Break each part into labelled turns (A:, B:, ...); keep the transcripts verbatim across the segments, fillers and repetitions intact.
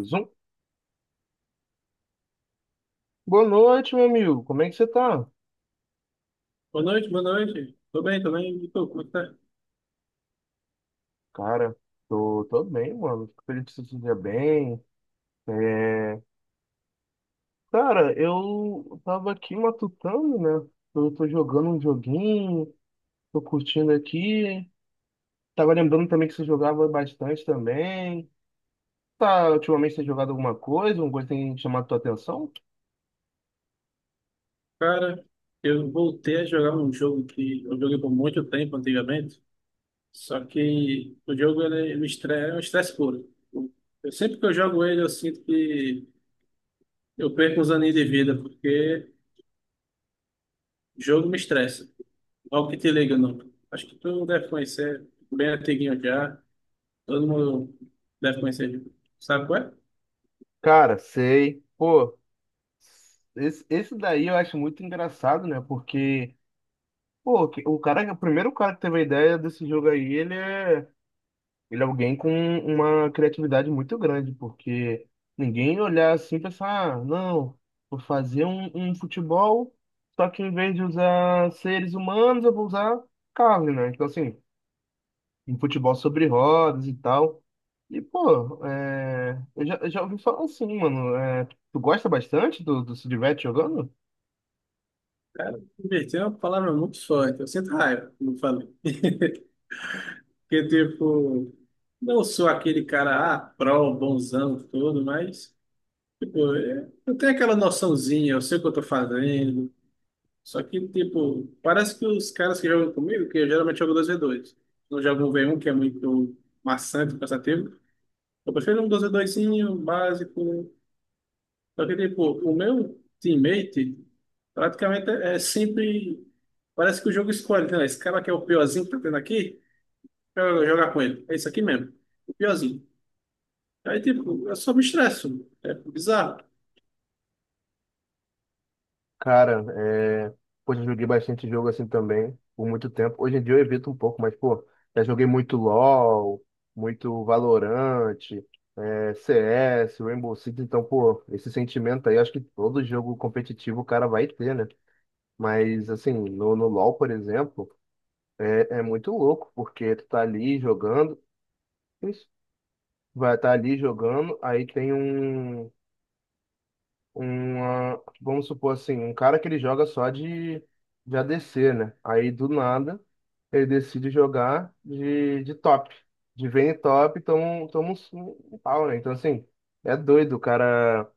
A: Zoom. Boa noite, meu amigo. Como é que você tá?
B: Boa noite, boa noite. Tô bem, tô bem. E tu, como é que tá?
A: Cara, tô, tô bem, mano. Fico feliz que você esteja bem. É, Cara, eu tava aqui matutando, né? Eu tô jogando um joguinho, tô curtindo aqui. Tava lembrando também que você jogava bastante também. Tá, ultimamente você tem jogado alguma coisa? Alguma coisa tem chamado tua atenção?
B: Cara, eu voltei a jogar um jogo que eu joguei por muito tempo antigamente, só que o jogo ele, ele me estressa, é um estresse puro. Eu, sempre que eu jogo ele, eu sinto que eu perco uns aninhos de vida, porque o jogo me estressa. Logo que te liga, não. Acho que tu deve conhecer, bem antiguinho já. Todo mundo deve conhecer. Sabe qual é?
A: Cara, sei. Pô, esse, esse daí eu acho muito engraçado, né? Porque, pô, que- o cara, o primeiro cara que teve a ideia desse jogo aí, ele é. Ele é alguém com uma criatividade muito grande, porque ninguém olhar assim e pensar, ah, não, vou fazer um, um futebol, só que em vez de usar seres humanos, eu vou usar carne, né? Então, assim, um futebol sobre rodas e tal. E, pô, é, eu já, eu já ouvi falar assim, mano. É, tu gosta bastante do, do se diverte jogando?
B: Cara, divertir é uma palavra muito forte. Eu sinto raiva, quando falo. Porque, tipo, não sou aquele cara, ah, pró, bonzão, todo, mas, tipo, é- eu tenho aquela noçãozinha, eu sei o que eu tô fazendo. Só que, tipo, parece que os caras que jogam comigo, que eu geralmente jogo dois v dois, não jogo um 1 v um, que é muito maçante, cansativo. Eu prefiro um dois v doisinho básico. Só que, tipo, o meu teammate praticamente é é sempre. Parece que o jogo escolhe, né? Esse cara que é o piorzinho que tá tendo aqui, eu vou jogar com ele. É isso aqui mesmo, o piorzinho. Aí, tipo, eu só me estresso. É bizarro.
A: Cara, é... poxa, eu joguei bastante jogo assim também, por muito tempo. Hoje em dia eu evito um pouco, mas, pô, já joguei muito LoL, muito Valorant, é, C S, Rainbow Six, então, pô, esse sentimento aí, acho que todo jogo competitivo o cara vai ter, né? Mas, assim, no, no LoL, por exemplo, é, é muito louco, porque tu tá ali jogando, isso, vai estar tá ali jogando, aí tem um. Uma, vamos supor assim, um cara que ele joga só de, de A D C, né? Aí do nada ele decide jogar de, de top, de Vayne top, toma, um- toma um, um pau, né? Então assim, é doido o cara.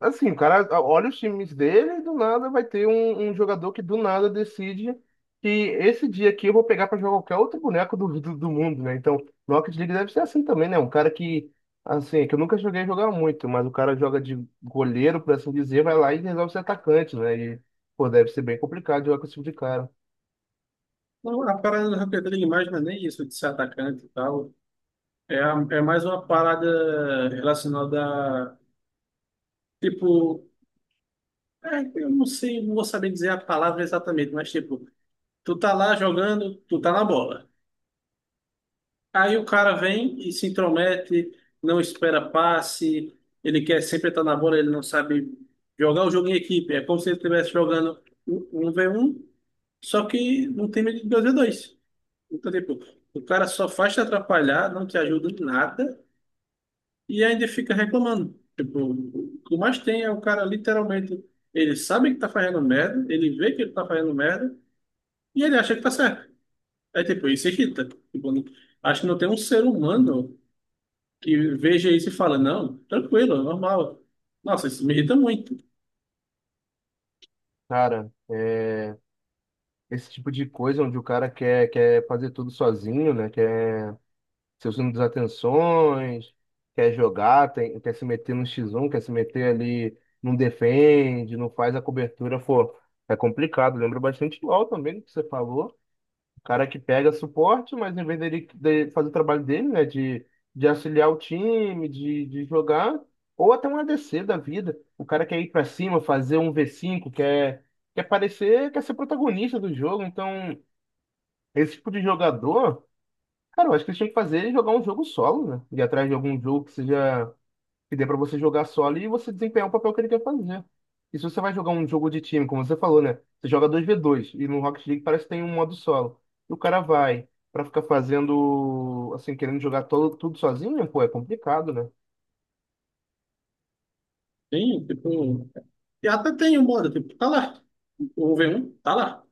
A: Assim, o cara olha os times dele e do nada vai ter um, um jogador que do nada decide que esse dia aqui eu vou pegar para jogar qualquer outro boneco do, do, do mundo, né? Então, Rocket League deve ser assim também, né? Um cara que, assim, é que eu nunca joguei jogar muito, mas o cara joga de goleiro, por assim dizer, vai lá e resolve ser atacante, né? E, pô, deve ser bem complicado jogar com esse tipo de cara.
B: Não, a parada do Rocket League mais não é nem isso de ser atacante e tal. É, a- é mais uma parada relacionada a, tipo, é, eu não sei, não vou saber dizer a palavra exatamente, mas tipo, tu tá lá jogando, tu tá na bola. Aí o cara vem e se intromete, não espera passe, ele quer sempre estar na bola, ele não sabe jogar o jogo em equipe. É como se ele estivesse jogando um um v um, só que num time de dois v dois. Então, tipo, o cara só faz te atrapalhar, não te ajuda em nada e ainda fica reclamando. Tipo, o que mais tem é o cara literalmente, ele sabe que tá fazendo merda, ele vê que ele tá fazendo merda e ele acha que tá certo. É tipo, isso irrita. Tipo, não- acho que não tem um ser humano que veja isso e fala, não, tranquilo, é normal. Nossa, isso me irrita muito.
A: Cara, esse tipo de coisa onde o cara quer, quer fazer tudo sozinho, né? Quer seus desatenções, quer jogar, tem- quer se meter no x um, quer se meter ali, não defende, não faz a cobertura, pô, é complicado. Lembra bastante do LoL também, que você falou. Cara que pega suporte, mas em vez dele, dele fazer o trabalho dele, né, de, de auxiliar o time, de, de jogar, ou até um A D C da vida. O cara quer ir pra cima, fazer um v cinco quer, quer parecer, quer ser protagonista do jogo. Então, esse tipo de jogador. Cara, eu acho que eles tinham que fazer é jogar um jogo solo, né? Ir atrás de algum jogo que seja que dê pra você jogar solo e você desempenhar o papel que ele quer fazer. E se você vai jogar um jogo de time, como você falou, né? Você joga dois v dois e no Rocket League parece que tem um modo solo. E o cara vai pra ficar fazendo, assim, querendo jogar todo, tudo sozinho, pô, é complicado, né?
B: Tem, tipo, e até tem um modo, tipo, tá lá, o um vê um tá lá.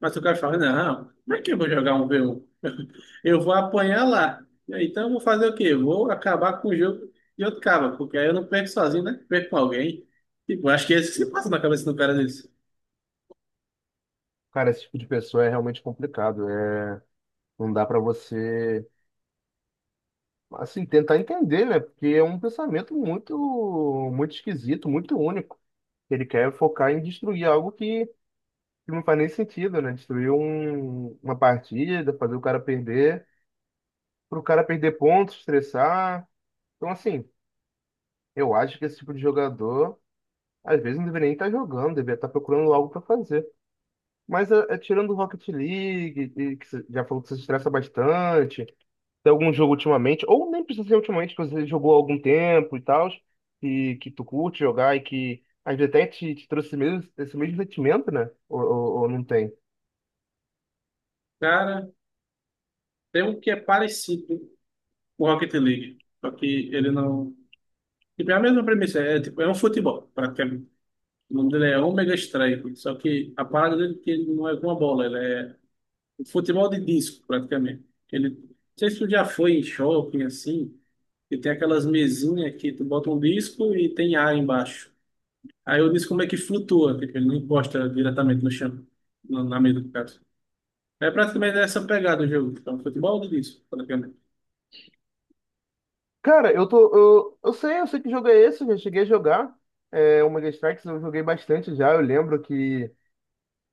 B: Mas o cara fala, não, como é que eu vou jogar um vê um? Eu vou apanhar lá. Então eu vou fazer o quê? Vou acabar com o jogo de outro cara, porque aí eu não perco sozinho, né? Perco com alguém. Tipo, acho que é isso que se passa na cabeça do cara nisso.
A: Cara, esse tipo de pessoa é realmente complicado. É, não dá pra você, assim, tentar entender, né? Porque é um pensamento muito, muito esquisito, muito único. Ele quer focar em destruir algo que que não faz nem sentido, né? Destruir um- uma partida, fazer o cara perder, pro cara perder pontos, estressar. Então, assim, eu acho que esse tipo de jogador, às vezes, não deveria nem estar jogando, deveria estar procurando algo para fazer. Mas é, é, tirando o Rocket League, e que você já falou que você se estressa bastante, tem algum jogo ultimamente, ou nem precisa ser ultimamente, que você jogou há algum tempo e tal, que, que tu curte jogar e que às vezes até te, te trouxe esse mesmo, esse mesmo sentimento, né? Ou, ou, ou não tem?
B: Cara, tem um que é parecido com o Rocket League, só que ele não. Tipo, é a mesma premissa, é, tipo, é um futebol, praticamente. O nome dele é Omega Strike, só que a parada dele é que ele não é com a bola, ele é um futebol de disco, praticamente. Ele, não sei se tu já foi em shopping assim, e tem aquelas mesinhas que tu bota um disco e tem ar embaixo. Aí eu disse como é que flutua, que ele não encosta diretamente no chão, na na mesa do caso. É praticamente essa pegada o jogo. Então, futebol de disso, praticamente.
A: Cara, eu tô. Eu, eu sei, eu sei que jogo é esse, já cheguei a jogar. É, o Mega Strikes eu joguei bastante já. Eu lembro que,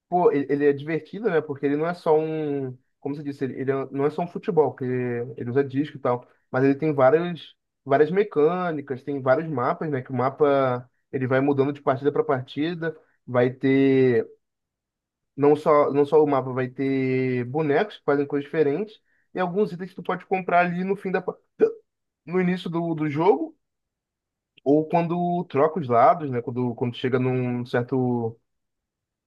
A: pô, ele, ele é divertido, né? Porque ele não é só um. Como você disse, ele, ele é- não é só um futebol, que ele usa disco e tal. Mas ele tem várias, várias mecânicas, tem vários mapas, né? Que o mapa ele vai mudando de partida para partida. Vai ter. Não só, não só o mapa, vai ter bonecos que fazem coisas diferentes. E alguns itens que tu pode comprar ali no fim da. pa- No início do, do jogo ou quando troca os lados, né? Quando, quando chega num certo,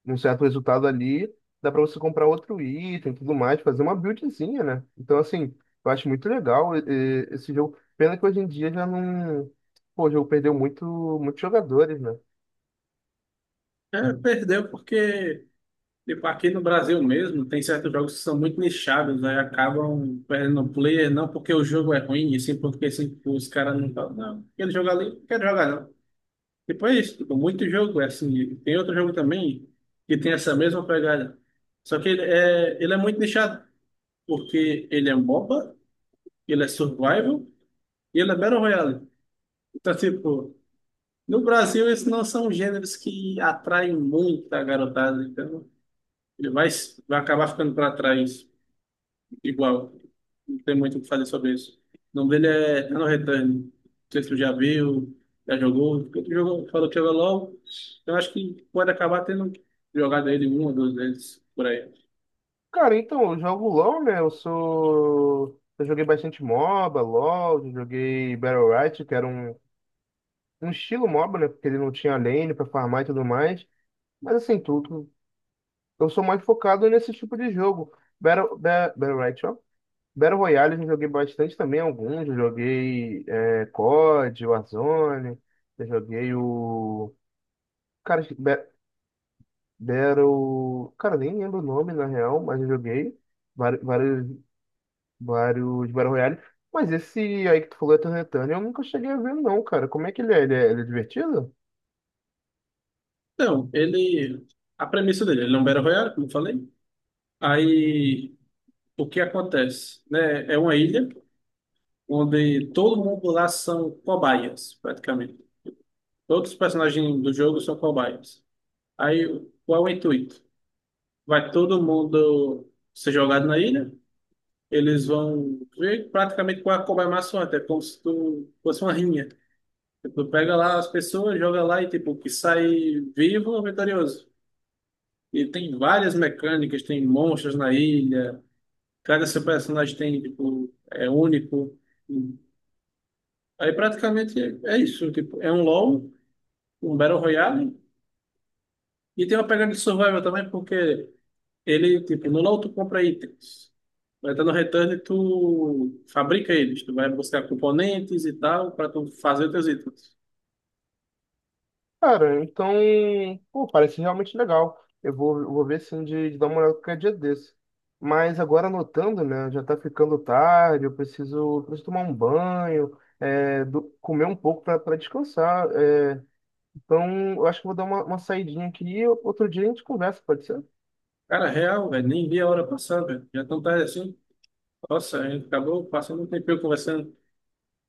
A: num certo resultado ali, dá para você comprar outro item e tudo mais, fazer uma buildzinha, né? Então, assim, eu acho muito legal eh, eh, esse jogo. Pena que hoje em dia já não. Pô, o jogo perdeu muito, muitos jogadores, né?
B: É, perdeu porque, tipo, aqui no Brasil mesmo, tem certos jogos que são muito nichados, aí acabam perdendo o player, não porque o jogo é ruim, e sim porque assim, tipo, os caras não falam, não, aquele jogo ali, não quero jogar não. Depois, tipo, muito jogo, é assim, tem outro jogo também que tem essa mesma pegada. Só que ele é, ele é muito nichado, porque ele é um MOBA, ele é survival e ele é Battle Royale. Então, tipo, no Brasil esses não são gêneros que atraem muito a garotada, então ele vai, vai acabar ficando para trás igual. Não tem muito o que fazer sobre isso. O nome dele é Ano Return. Não sei se tu já viu, já jogou. Porque tu jogou, falou que jogou LOL. Eu acho que pode acabar tendo jogado ele uma ou duas vezes por aí.
A: Cara, então, eu jogo LoL, né? Eu sou. Eu joguei bastante MOBA, LoL, eu joguei Battle Royale, que era um, um estilo MOBA, né? Porque ele não tinha lane pra farmar e tudo mais. Mas assim, tudo eu sou mais focado nesse tipo de jogo. Battle, Ba- Battle, Royale, ó. Battle Royale eu já joguei bastante também, alguns. Eu joguei é, C O D, Warzone, eu joguei o. Cara, acho que Ba- Battle. Cara, nem lembro o nome na real, mas eu joguei vários vários, vários, Battle Royale. Mas esse aí que tu falou, Ethan Return, eu nunca cheguei a ver, não, cara. Como é que ele é? Ele é, ele é divertido?
B: Então, ele. A premissa dele, ele é um Battle Royale, como eu falei. Aí, o que acontece, né? É uma ilha onde todo mundo lá são cobaias, praticamente. Todos os personagens do jogo são cobaias. Aí, qual é o intuito? Vai todo mundo ser jogado na ilha, eles vão ver praticamente qual é a cobaia mais forte, é como se tu fosse uma rinha. Tipo, tu pega lá as pessoas, joga lá e tipo, que sai vivo é vitorioso. E tem várias mecânicas, tem monstros na ilha, cada seu personagem tem, tipo, é único. Aí praticamente é isso, tipo, é um LoL, um Battle Royale, e tem uma pegada de survival também, porque ele, tipo, no LoL tu compra itens, mas tá no Return tu fabrica eles, tu vai buscar componentes e tal, pra tu fazer teus itens.
A: Cara, então, pô, parece realmente legal. Eu vou, eu vou ver sim de, de dar uma olhada qualquer dia desse. Mas agora anotando, né? Já tá ficando tarde, eu preciso, preciso tomar um banho, é, do- comer um pouco para descansar. É. Então, eu acho que vou dar uma, uma saidinha aqui e outro dia a gente conversa, pode ser?
B: Cara, real, velho, nem vi a hora passar, velho, já tão tarde assim, nossa, a gente acabou passando um tempinho conversando.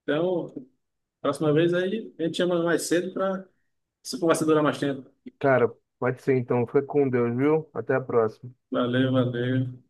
B: Então, próxima vez aí, a gente chama mais cedo pra essa conversa durar mais tempo.
A: Cara, pode ser então. Fica com Deus, viu? Até a próxima.
B: Valeu, valeu.